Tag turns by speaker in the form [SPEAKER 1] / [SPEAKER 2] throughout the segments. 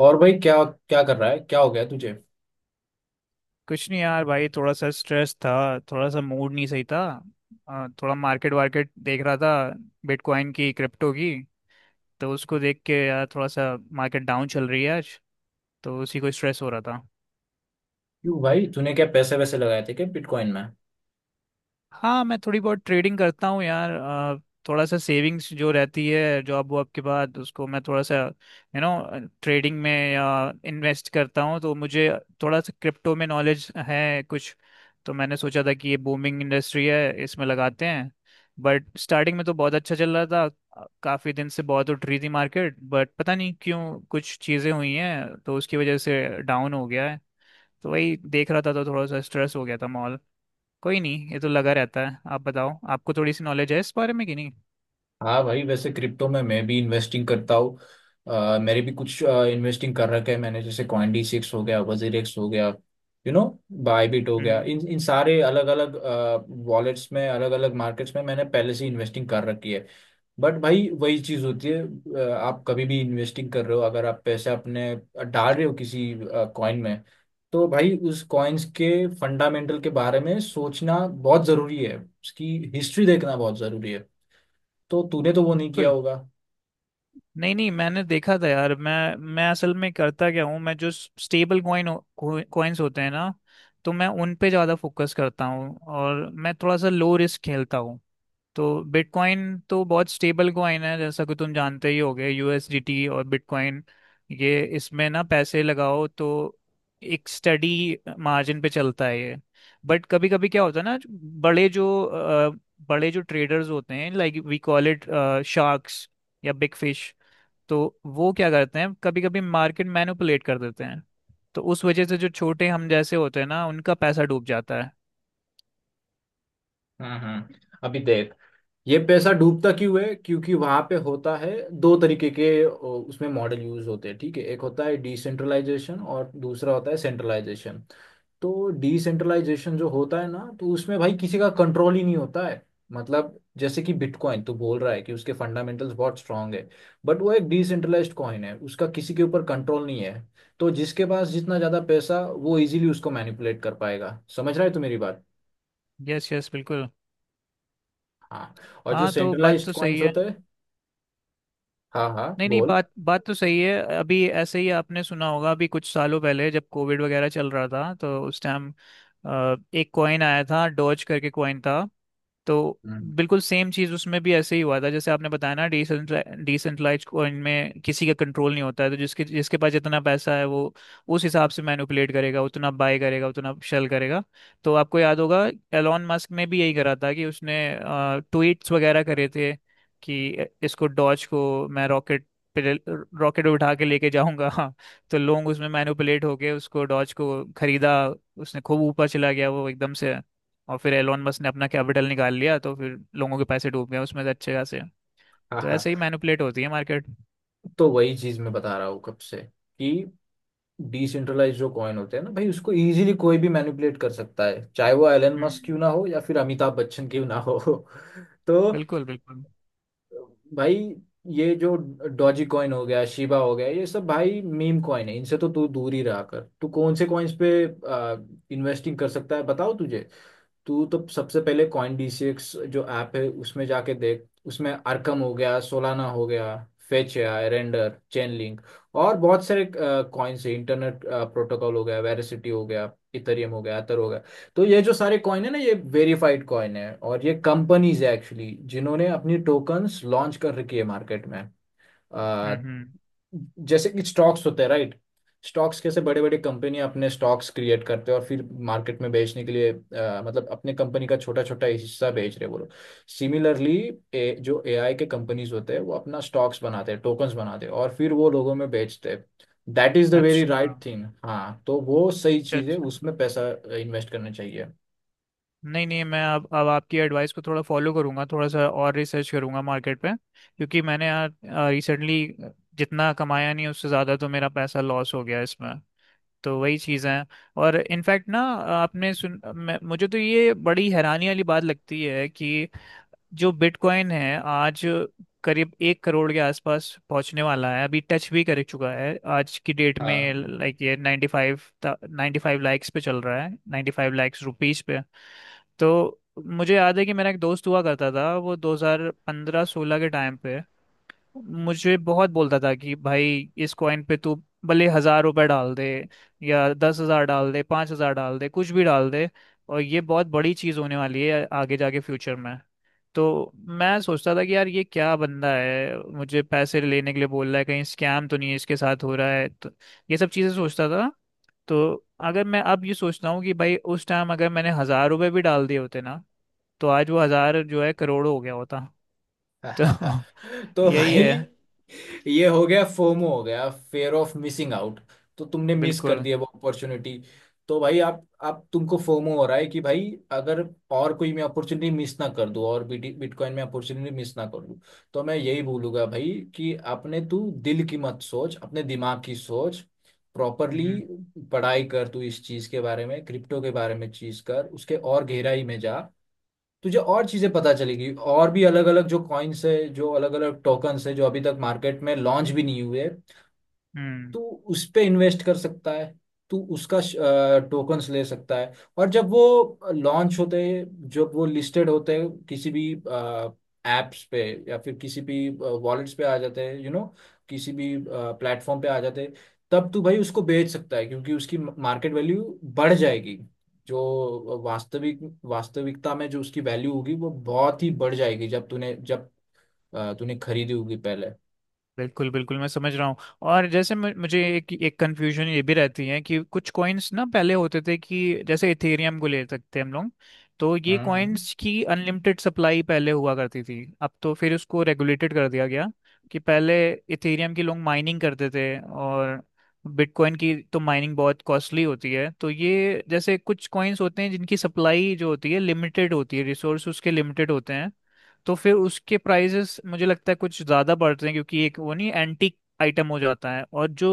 [SPEAKER 1] और भाई, क्या क्या कर रहा है? क्या हो गया तुझे?
[SPEAKER 2] कुछ नहीं यार भाई, थोड़ा सा स्ट्रेस था। थोड़ा सा मूड नहीं सही था। थोड़ा मार्केट वार्केट देख रहा था, बिटकॉइन की, क्रिप्टो की। तो उसको देख के यार थोड़ा सा मार्केट डाउन चल रही है आज, तो उसी को स्ट्रेस हो रहा था।
[SPEAKER 1] क्यों भाई, तूने क्या पैसे वैसे लगाए थे क्या बिटकॉइन में?
[SPEAKER 2] हाँ, मैं थोड़ी बहुत ट्रेडिंग करता हूँ यार। थोड़ा सा सेविंग्स जो रहती है जॉब वॉब के बाद, उसको मैं थोड़ा सा ट्रेडिंग में या इन्वेस्ट करता हूँ। तो मुझे थोड़ा सा क्रिप्टो में नॉलेज है कुछ, तो मैंने सोचा था कि ये बूमिंग इंडस्ट्री है, इसमें लगाते हैं। बट स्टार्टिंग में तो बहुत अच्छा चल रहा था, काफ़ी दिन से बहुत उठ रही थी मार्केट, बट पता नहीं क्यों कुछ चीज़ें हुई हैं तो उसकी वजह से डाउन हो गया है। तो वही देख रहा था, तो थोड़ा सा स्ट्रेस हो गया था। कोई नहीं, ये तो लगा रहता है। आप बताओ, आपको थोड़ी सी नॉलेज है इस बारे में कि नहीं?
[SPEAKER 1] हाँ भाई, वैसे क्रिप्टो में मैं भी इन्वेस्टिंग करता हूँ। मेरे भी कुछ इन्वेस्टिंग कर रखे है मैंने, जैसे कॉइनडी सिक्स हो गया, वजीरेक्स हो गया, यू नो, बायबिट हो गया।
[SPEAKER 2] हम्म।
[SPEAKER 1] इन इन सारे अलग अलग वॉलेट्स में, अलग अलग मार्केट्स में मैंने पहले से इन्वेस्टिंग कर रखी है। बट भाई, वही चीज होती है। आप कभी भी इन्वेस्टिंग कर रहे हो, अगर आप पैसे अपने डाल रहे हो किसी कॉइन में, तो भाई उस कॉइन्स के फंडामेंटल के बारे में सोचना बहुत जरूरी है, उसकी हिस्ट्री देखना बहुत जरूरी है। तो तूने तो वो नहीं किया
[SPEAKER 2] बिल्कुल।
[SPEAKER 1] होगा।
[SPEAKER 2] नहीं नहीं, मैंने देखा था यार। मैं असल में करता क्या हूँ, मैं जो स्टेबल कॉइन्स होते हैं ना, तो मैं उन पे ज़्यादा फोकस करता हूँ और मैं थोड़ा सा लो रिस्क खेलता हूँ। तो बिटकॉइन तो बहुत स्टेबल कॉइन है जैसा कि तुम जानते ही होगे, यूएसडीटी और बिटकॉइन। ये इसमें ना पैसे लगाओ तो एक स्टडी मार्जिन पे चलता है ये। बट कभी कभी क्या होता है ना, बड़े जो ट्रेडर्स होते हैं, like we call it sharks या बिग फिश। तो वो क्या करते हैं, कभी कभी मार्केट मैनिपुलेट कर देते हैं। तो उस वजह से जो छोटे हम जैसे होते हैं ना, उनका पैसा डूब जाता है।
[SPEAKER 1] हम्म, हम्म। अभी देख, ये पैसा डूबता क्यों है? क्योंकि वहां पे होता है दो तरीके के, उसमें मॉडल यूज होते हैं। ठीक है, एक होता है डिसेंट्रलाइजेशन और दूसरा होता है सेंट्रलाइजेशन। तो डिसेंट्रलाइजेशन जो होता है ना, तो उसमें भाई किसी का कंट्रोल ही नहीं होता है। मतलब जैसे कि बिटकॉइन, तो बोल रहा है कि उसके फंडामेंटल्स बहुत स्ट्रांग है, बट वो एक डिसेंट्रलाइज्ड कॉइन है, उसका किसी के ऊपर कंट्रोल नहीं है। तो जिसके पास जितना ज़्यादा पैसा, वो इजीली उसको मैनिपुलेट कर पाएगा। समझ रहा है तू मेरी बात?
[SPEAKER 2] यस यस, बिल्कुल।
[SPEAKER 1] हाँ। और जो
[SPEAKER 2] हाँ, तो बात
[SPEAKER 1] सेंट्रलाइज्ड
[SPEAKER 2] तो सही
[SPEAKER 1] कॉइन्स
[SPEAKER 2] है।
[SPEAKER 1] होते हैं। हाँ हाँ,
[SPEAKER 2] नहीं नहीं,
[SPEAKER 1] बोल।
[SPEAKER 2] बात बात तो सही है। अभी ऐसे ही आपने सुना होगा, अभी कुछ सालों पहले जब कोविड वगैरह चल रहा था, तो उस टाइम एक कॉइन आया था, डॉज करके कॉइन था। तो
[SPEAKER 1] हम्म।
[SPEAKER 2] बिल्कुल सेम चीज़ उसमें भी ऐसे ही हुआ था, जैसे आपने बताया ना, डिसेंट्रलाइज कॉइन में किसी का कंट्रोल नहीं होता है, तो जिसके जिसके पास जितना पैसा है वो उस हिसाब से मैनिपुलेट करेगा, उतना बाय करेगा, उतना शेल करेगा। तो आपको याद होगा, एलॉन मस्क ने भी यही करा था कि उसने ट्वीट्स वगैरह करे थे कि इसको डॉज को मैं रॉकेट रॉकेट उठा के लेके जाऊंगा। हाँ। तो लोग उसमें मैनिपुलेट होके उसको डॉज को खरीदा, उसने खूब ऊपर चला गया वो एकदम से। और फिर एलोन मस्क ने अपना कैपिटल निकाल लिया, तो फिर लोगों के पैसे डूब गए उसमें से अच्छे खासे।
[SPEAKER 1] हाँ
[SPEAKER 2] तो
[SPEAKER 1] हाँ,
[SPEAKER 2] ऐसे ही मैनिपुलेट होती है मार्केट।
[SPEAKER 1] तो वही चीज़ मैं बता रहा हूँ कब से कि डिसेंट्रलाइज जो कॉइन होते हैं ना भाई, उसको इजीली कोई भी मैनिपुलेट कर सकता है, चाहे वो एलन मस्क
[SPEAKER 2] हम्म।
[SPEAKER 1] क्यों ना हो या फिर अमिताभ बच्चन क्यों ना हो। तो
[SPEAKER 2] बिल्कुल बिल्कुल।
[SPEAKER 1] भाई, ये जो डॉजी कॉइन हो गया, शिबा हो गया, ये सब भाई मीम कॉइन है। इनसे तो तू दूर ही रहा कर। तू कौन से कॉइन्स पे इन्वेस्टिंग कर सकता है, बताओ तुझे। तू तो सबसे पहले कॉइन डी सिक्स जो ऐप है उसमें जाके देख। उसमें आर्कम हो गया, सोलाना हो गया, फेच है, रेंडर, चेन लिंक और बहुत सारे कॉइन्स है। इंटरनेट प्रोटोकॉल हो गया, वेरासिटी हो गया, इथेरियम हो गया, एथर हो गया। तो ये जो सारे कॉइन है ना, ये वेरीफाइड कॉइन है, और ये कंपनीज है एक्चुअली, जिन्होंने अपनी टोकन्स लॉन्च कर रखी है मार्केट में। आ,
[SPEAKER 2] हम्म।
[SPEAKER 1] जैसे कि स्टॉक्स होते हैं, राइट? स्टॉक्स कैसे बड़े बड़े कंपनी अपने स्टॉक्स क्रिएट करते हैं और फिर मार्केट में बेचने के लिए, मतलब अपने कंपनी का छोटा छोटा हिस्सा बेच रहे हैं वो लोग। सिमिलरली जो एआई के कंपनीज होते हैं, वो अपना स्टॉक्स बनाते हैं, टोकन्स बनाते हैं और फिर वो लोगों में बेचते हैं। दैट इज द वेरी
[SPEAKER 2] अच्छा,
[SPEAKER 1] राइट थिंग। हाँ, तो वो सही
[SPEAKER 2] अच्छा
[SPEAKER 1] चीज़ है,
[SPEAKER 2] अच्छा।
[SPEAKER 1] उसमें पैसा इन्वेस्ट करना चाहिए।
[SPEAKER 2] नहीं नहीं, मैं अब आपकी एडवाइस को थोड़ा फॉलो करूंगा, थोड़ा सा और रिसर्च करूंगा मार्केट पे। क्योंकि मैंने यार रिसेंटली जितना कमाया नहीं उससे ज़्यादा तो मेरा पैसा लॉस हो गया इसमें, तो वही चीज़ें हैं। और इनफैक्ट ना, मुझे तो ये बड़ी हैरानी वाली बात लगती है कि जो बिटकॉइन है आज करीब एक करोड़ के आसपास पहुंचने वाला है, अभी टच भी कर चुका है आज की डेट
[SPEAKER 1] हाँ।
[SPEAKER 2] में, लाइक ये 95, नाइन्टी फाइव लाइक्स पे चल रहा है, 95 लाइक्स रुपीस पे। तो मुझे याद है कि मेरा एक दोस्त हुआ करता था वो 2015-16 के टाइम पे मुझे बहुत बोलता था कि भाई इस कॉइन पे तू भले हजार रुपए डाल दे, या 10 हजार डाल दे, 5 हजार डाल दे, कुछ भी डाल दे, और ये बहुत बड़ी चीज होने वाली है आगे जाके फ्यूचर में। तो मैं सोचता था कि यार ये क्या बंदा है, मुझे पैसे लेने के लिए बोल रहा है, कहीं स्कैम तो नहीं है इसके साथ हो रहा है, तो ये सब चीज़ें सोचता था। तो अगर मैं अब ये सोचता हूँ कि भाई उस टाइम अगर मैंने हज़ार रुपये भी डाल दिए होते ना, तो आज वो हज़ार जो है करोड़ों हो गया होता। तो
[SPEAKER 1] तो
[SPEAKER 2] यही
[SPEAKER 1] भाई,
[SPEAKER 2] है।
[SPEAKER 1] ये हो गया फोमो, हो गया फेयर ऑफ मिसिंग आउट। तो तुमने मिस कर
[SPEAKER 2] बिल्कुल।
[SPEAKER 1] दिया वो अपॉर्चुनिटी। तो भाई, आप तुमको फोमो हो रहा है कि भाई, अगर और कोई मैं अपॉर्चुनिटी मिस ना कर दूं, और बिटकॉइन में अपॉर्चुनिटी मिस ना कर दूं। तो मैं यही बोलूंगा भाई कि अपने तू दिल की मत सोच, अपने दिमाग की सोच। प्रॉपरली
[SPEAKER 2] हम्म
[SPEAKER 1] पढ़ाई कर तू इस चीज के बारे में, क्रिप्टो के बारे में चीज कर, उसके और गहराई में जा। तुझे और चीजें पता चलेगी, और भी अलग अलग जो कॉइन्स है, जो अलग अलग टोकन्स है जो अभी तक मार्केट में लॉन्च भी नहीं हुए।
[SPEAKER 2] हम्म।
[SPEAKER 1] तू उस पे इन्वेस्ट कर सकता है, तू उसका टोकन्स ले सकता है। और जब वो लॉन्च होते हैं, जब वो लिस्टेड होते हैं किसी भी एप्स पे, या फिर किसी भी वॉलेट्स पे आ जाते हैं, यू नो, किसी भी प्लेटफॉर्म पे आ जाते हैं, तब तू भाई उसको बेच सकता है, क्योंकि उसकी मार्केट वैल्यू बढ़ जाएगी। जो वास्तविकता में जो उसकी वैल्यू होगी वो बहुत ही बढ़ जाएगी, जब तूने जब तूने खरीदी होगी पहले।
[SPEAKER 2] बिल्कुल बिल्कुल, मैं समझ रहा हूँ। और जैसे मुझे एक एक कंफ्यूजन ये भी रहती है कि कुछ कॉइन्स ना पहले होते थे, कि जैसे इथेरियम को ले सकते हैं हम लोग, तो ये
[SPEAKER 1] हम्म, हम्म।
[SPEAKER 2] कॉइन्स की अनलिमिटेड सप्लाई पहले हुआ करती थी, अब तो फिर उसको रेगुलेटेड कर दिया गया। कि पहले इथेरियम की लोग माइनिंग करते थे, और बिटकॉइन की तो माइनिंग बहुत कॉस्टली होती है। तो ये जैसे कुछ कॉइन्स होते हैं जिनकी सप्लाई जो होती है लिमिटेड होती है, रिसोर्स उसके लिमिटेड होते हैं, तो फिर उसके प्राइजेस मुझे लगता है कुछ ज़्यादा बढ़ते हैं, क्योंकि एक वो नहीं एंटीक आइटम हो जाता है। और जो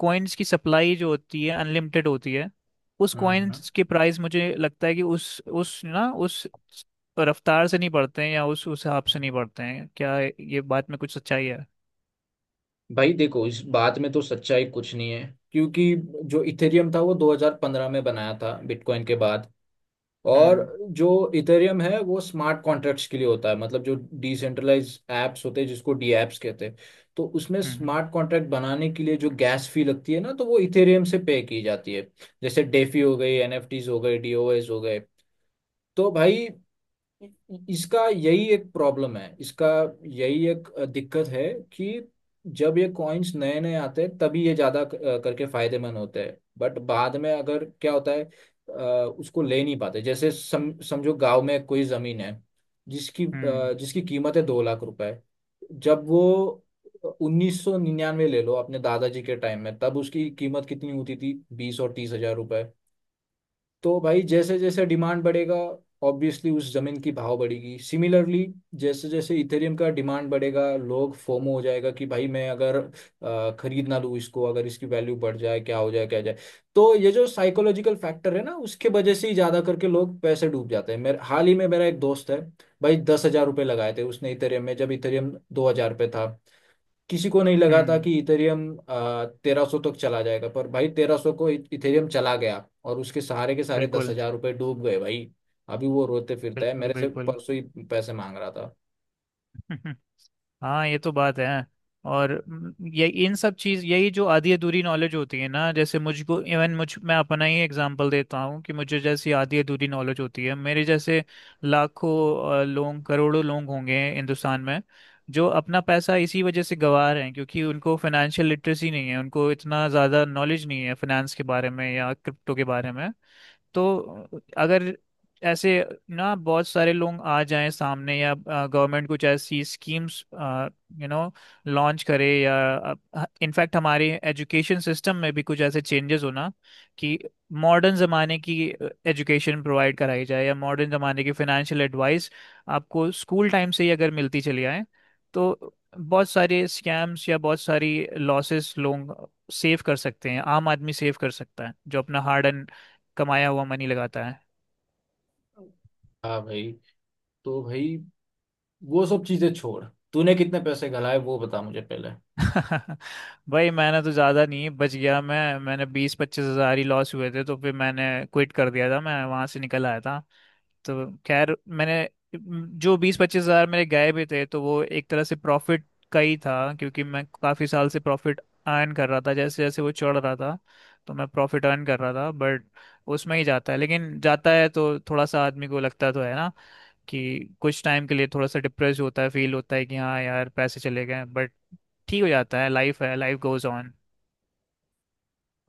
[SPEAKER 2] कॉइन्स की सप्लाई जो होती है अनलिमिटेड होती है, उस
[SPEAKER 1] हम्म।
[SPEAKER 2] कॉइन्स के प्राइस मुझे लगता है कि उस रफ्तार से नहीं बढ़ते हैं, या उस हिसाब से नहीं बढ़ते हैं। क्या ये बात में कुछ सच्चाई है?
[SPEAKER 1] भाई देखो, इस बात में तो सच्चाई कुछ नहीं है, क्योंकि जो इथेरियम था वो 2015 में बनाया था बिटकॉइन के बाद। और
[SPEAKER 2] हम्म
[SPEAKER 1] जो इथेरियम है वो स्मार्ट कॉन्ट्रैक्ट्स के लिए होता है, मतलब जो डिसेंट्रलाइज एप्स होते हैं, जिसको डी एप्स कहते हैं। तो उसमें
[SPEAKER 2] हम्म।
[SPEAKER 1] स्मार्ट कॉन्ट्रैक्ट बनाने के लिए जो गैस फी लगती है ना, तो वो इथेरियम से पे की जाती है। जैसे डेफी हो गई, एनएफटीज हो गए, डीओएस हो गए। तो भाई, इसका यही एक प्रॉब्लम है, इसका यही एक दिक्कत है कि जब ये कॉइन्स नए नए आते हैं तभी ये ज्यादा करके फायदेमंद होते हैं, बट बाद में अगर क्या होता है, अ, उसको ले नहीं पाते। जैसे समझो गांव में कोई जमीन है जिसकी
[SPEAKER 2] हम्म
[SPEAKER 1] जिसकी कीमत है 2 लाख रुपए। जब वो 1999 ले लो, अपने दादाजी के टाइम में, तब उसकी कीमत कितनी होती थी? 20 और 30 हजार रुपए। तो भाई जैसे जैसे डिमांड बढ़ेगा, ऑब्वियसली उस जमीन की भाव बढ़ेगी। सिमिलरली जैसे जैसे इथेरियम का डिमांड बढ़ेगा, लोग फोमो हो जाएगा कि भाई मैं अगर खरीद ना लूँ इसको, अगर इसकी वैल्यू बढ़ जाए क्या हो जाए क्या हो जाए। तो ये जो साइकोलॉजिकल फैक्टर है ना, उसके वजह से ही ज़्यादा करके लोग पैसे डूब जाते हैं। मेरे हाल ही में मेरा एक दोस्त है भाई, 10 हजार रुपये लगाए थे उसने इथेरियम में, जब इथेरियम 2 हजार रुपये था। किसी को नहीं लगा था
[SPEAKER 2] हम्म।
[SPEAKER 1] कि इथेरियम 1,300 तक चला जाएगा, पर भाई 1,300 को इथेरियम चला गया और उसके सहारे के सारे दस
[SPEAKER 2] बिल्कुल
[SPEAKER 1] हजार रुपये डूब गए भाई। अभी वो रोते फिरता है,
[SPEAKER 2] बिल्कुल
[SPEAKER 1] मेरे से
[SPEAKER 2] बिल्कुल।
[SPEAKER 1] परसों ही पैसे मांग रहा था।
[SPEAKER 2] हाँ, ये तो बात है। और ये इन सब चीज यही जो आधी अधूरी नॉलेज होती है ना, जैसे मुझको इवन मुझ मैं अपना ही एग्जांपल देता हूँ कि मुझे जैसी आधी अधूरी नॉलेज होती है, मेरे जैसे लाखों, लोग करोड़ों लोग होंगे हिंदुस्तान में, जो अपना पैसा इसी वजह से गंवा रहे हैं क्योंकि उनको फाइनेंशियल लिटरेसी नहीं है, उनको इतना ज़्यादा नॉलेज नहीं है फाइनेंस के बारे में या क्रिप्टो के बारे में। तो अगर ऐसे ना बहुत सारे लोग आ जाएं सामने, या गवर्नमेंट कुछ ऐसी स्कीम्स यू नो लॉन्च करे, या इनफैक्ट हमारे एजुकेशन सिस्टम में भी कुछ ऐसे चेंजेस होना, कि मॉडर्न ज़माने की एजुकेशन प्रोवाइड कराई जाए, या मॉडर्न ज़माने की फाइनेंशियल एडवाइस आपको स्कूल टाइम से ही अगर मिलती चली आए, तो बहुत सारे स्कैम्स या बहुत सारी लॉसेस लोग सेव कर सकते हैं, आम आदमी सेव कर सकता है जो अपना हार्ड एंड कमाया हुआ मनी लगाता है।
[SPEAKER 1] हाँ भाई, तो भाई वो सब चीजें छोड़, तूने कितने पैसे गलाए वो बता मुझे पहले।
[SPEAKER 2] भाई मैंने तो ज़्यादा नहीं बच गया, मैंने बीस पच्चीस हज़ार ही लॉस हुए थे, तो फिर मैंने क्विट कर दिया था, मैं वहाँ से निकल आया था। तो खैर मैंने जो बीस पच्चीस हज़ार मेरे गए भी थे तो वो एक तरह से प्रॉफिट का ही था, क्योंकि मैं काफ़ी साल से प्रॉफिट अर्न कर रहा था जैसे जैसे वो चढ़ रहा था। तो मैं प्रॉफिट अर्न कर रहा था बट उसमें ही जाता है, लेकिन जाता है तो थोड़ा सा आदमी को लगता तो है ना, कि कुछ टाइम के लिए थोड़ा सा डिप्रेस होता है, फील होता है कि हाँ यार पैसे चले गए, बट ठीक हो जाता है, लाइफ है, लाइफ गोज ऑन।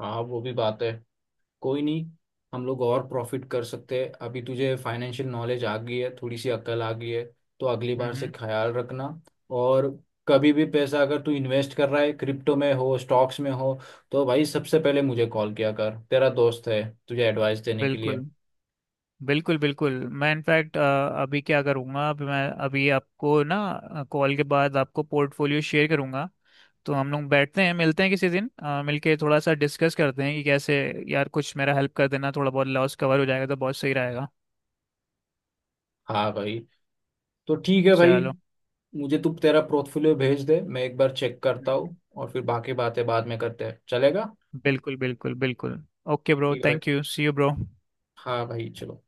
[SPEAKER 1] हाँ, वो भी बात है। कोई नहीं, हम लोग और प्रॉफिट कर सकते हैं। अभी तुझे फाइनेंशियल नॉलेज आ गई है, थोड़ी सी अकल आ गई है, तो अगली बार से
[SPEAKER 2] हम्म।
[SPEAKER 1] ख्याल रखना। और कभी भी पैसा अगर तू इन्वेस्ट कर रहा है, क्रिप्टो में हो, स्टॉक्स में हो, तो भाई सबसे पहले मुझे कॉल किया कर, तेरा दोस्त है तुझे एडवाइस देने के
[SPEAKER 2] बिल्कुल
[SPEAKER 1] लिए।
[SPEAKER 2] बिल्कुल बिल्कुल। मैं इनफैक्ट अभी क्या करूँगा, अभी मैं अभी आपको ना कॉल के बाद आपको पोर्टफोलियो शेयर करूँगा। तो हम लोग बैठते हैं मिलते हैं किसी दिन, मिलके थोड़ा सा डिस्कस करते हैं कि कैसे यार कुछ मेरा हेल्प कर देना, थोड़ा बहुत लॉस कवर हो जाएगा तो बहुत सही रहेगा।
[SPEAKER 1] हाँ भाई, तो ठीक है भाई,
[SPEAKER 2] चलो।
[SPEAKER 1] मुझे तू तेरा पोर्टफोलियो भेज दे, मैं एक बार चेक करता हूँ और फिर बाकी बातें बाद में करते हैं, चलेगा?
[SPEAKER 2] बिल्कुल बिल्कुल बिल्कुल। ओके ब्रो,
[SPEAKER 1] ठीक है
[SPEAKER 2] थैंक
[SPEAKER 1] भाई।
[SPEAKER 2] You, see you bro.
[SPEAKER 1] हाँ भाई, चलो।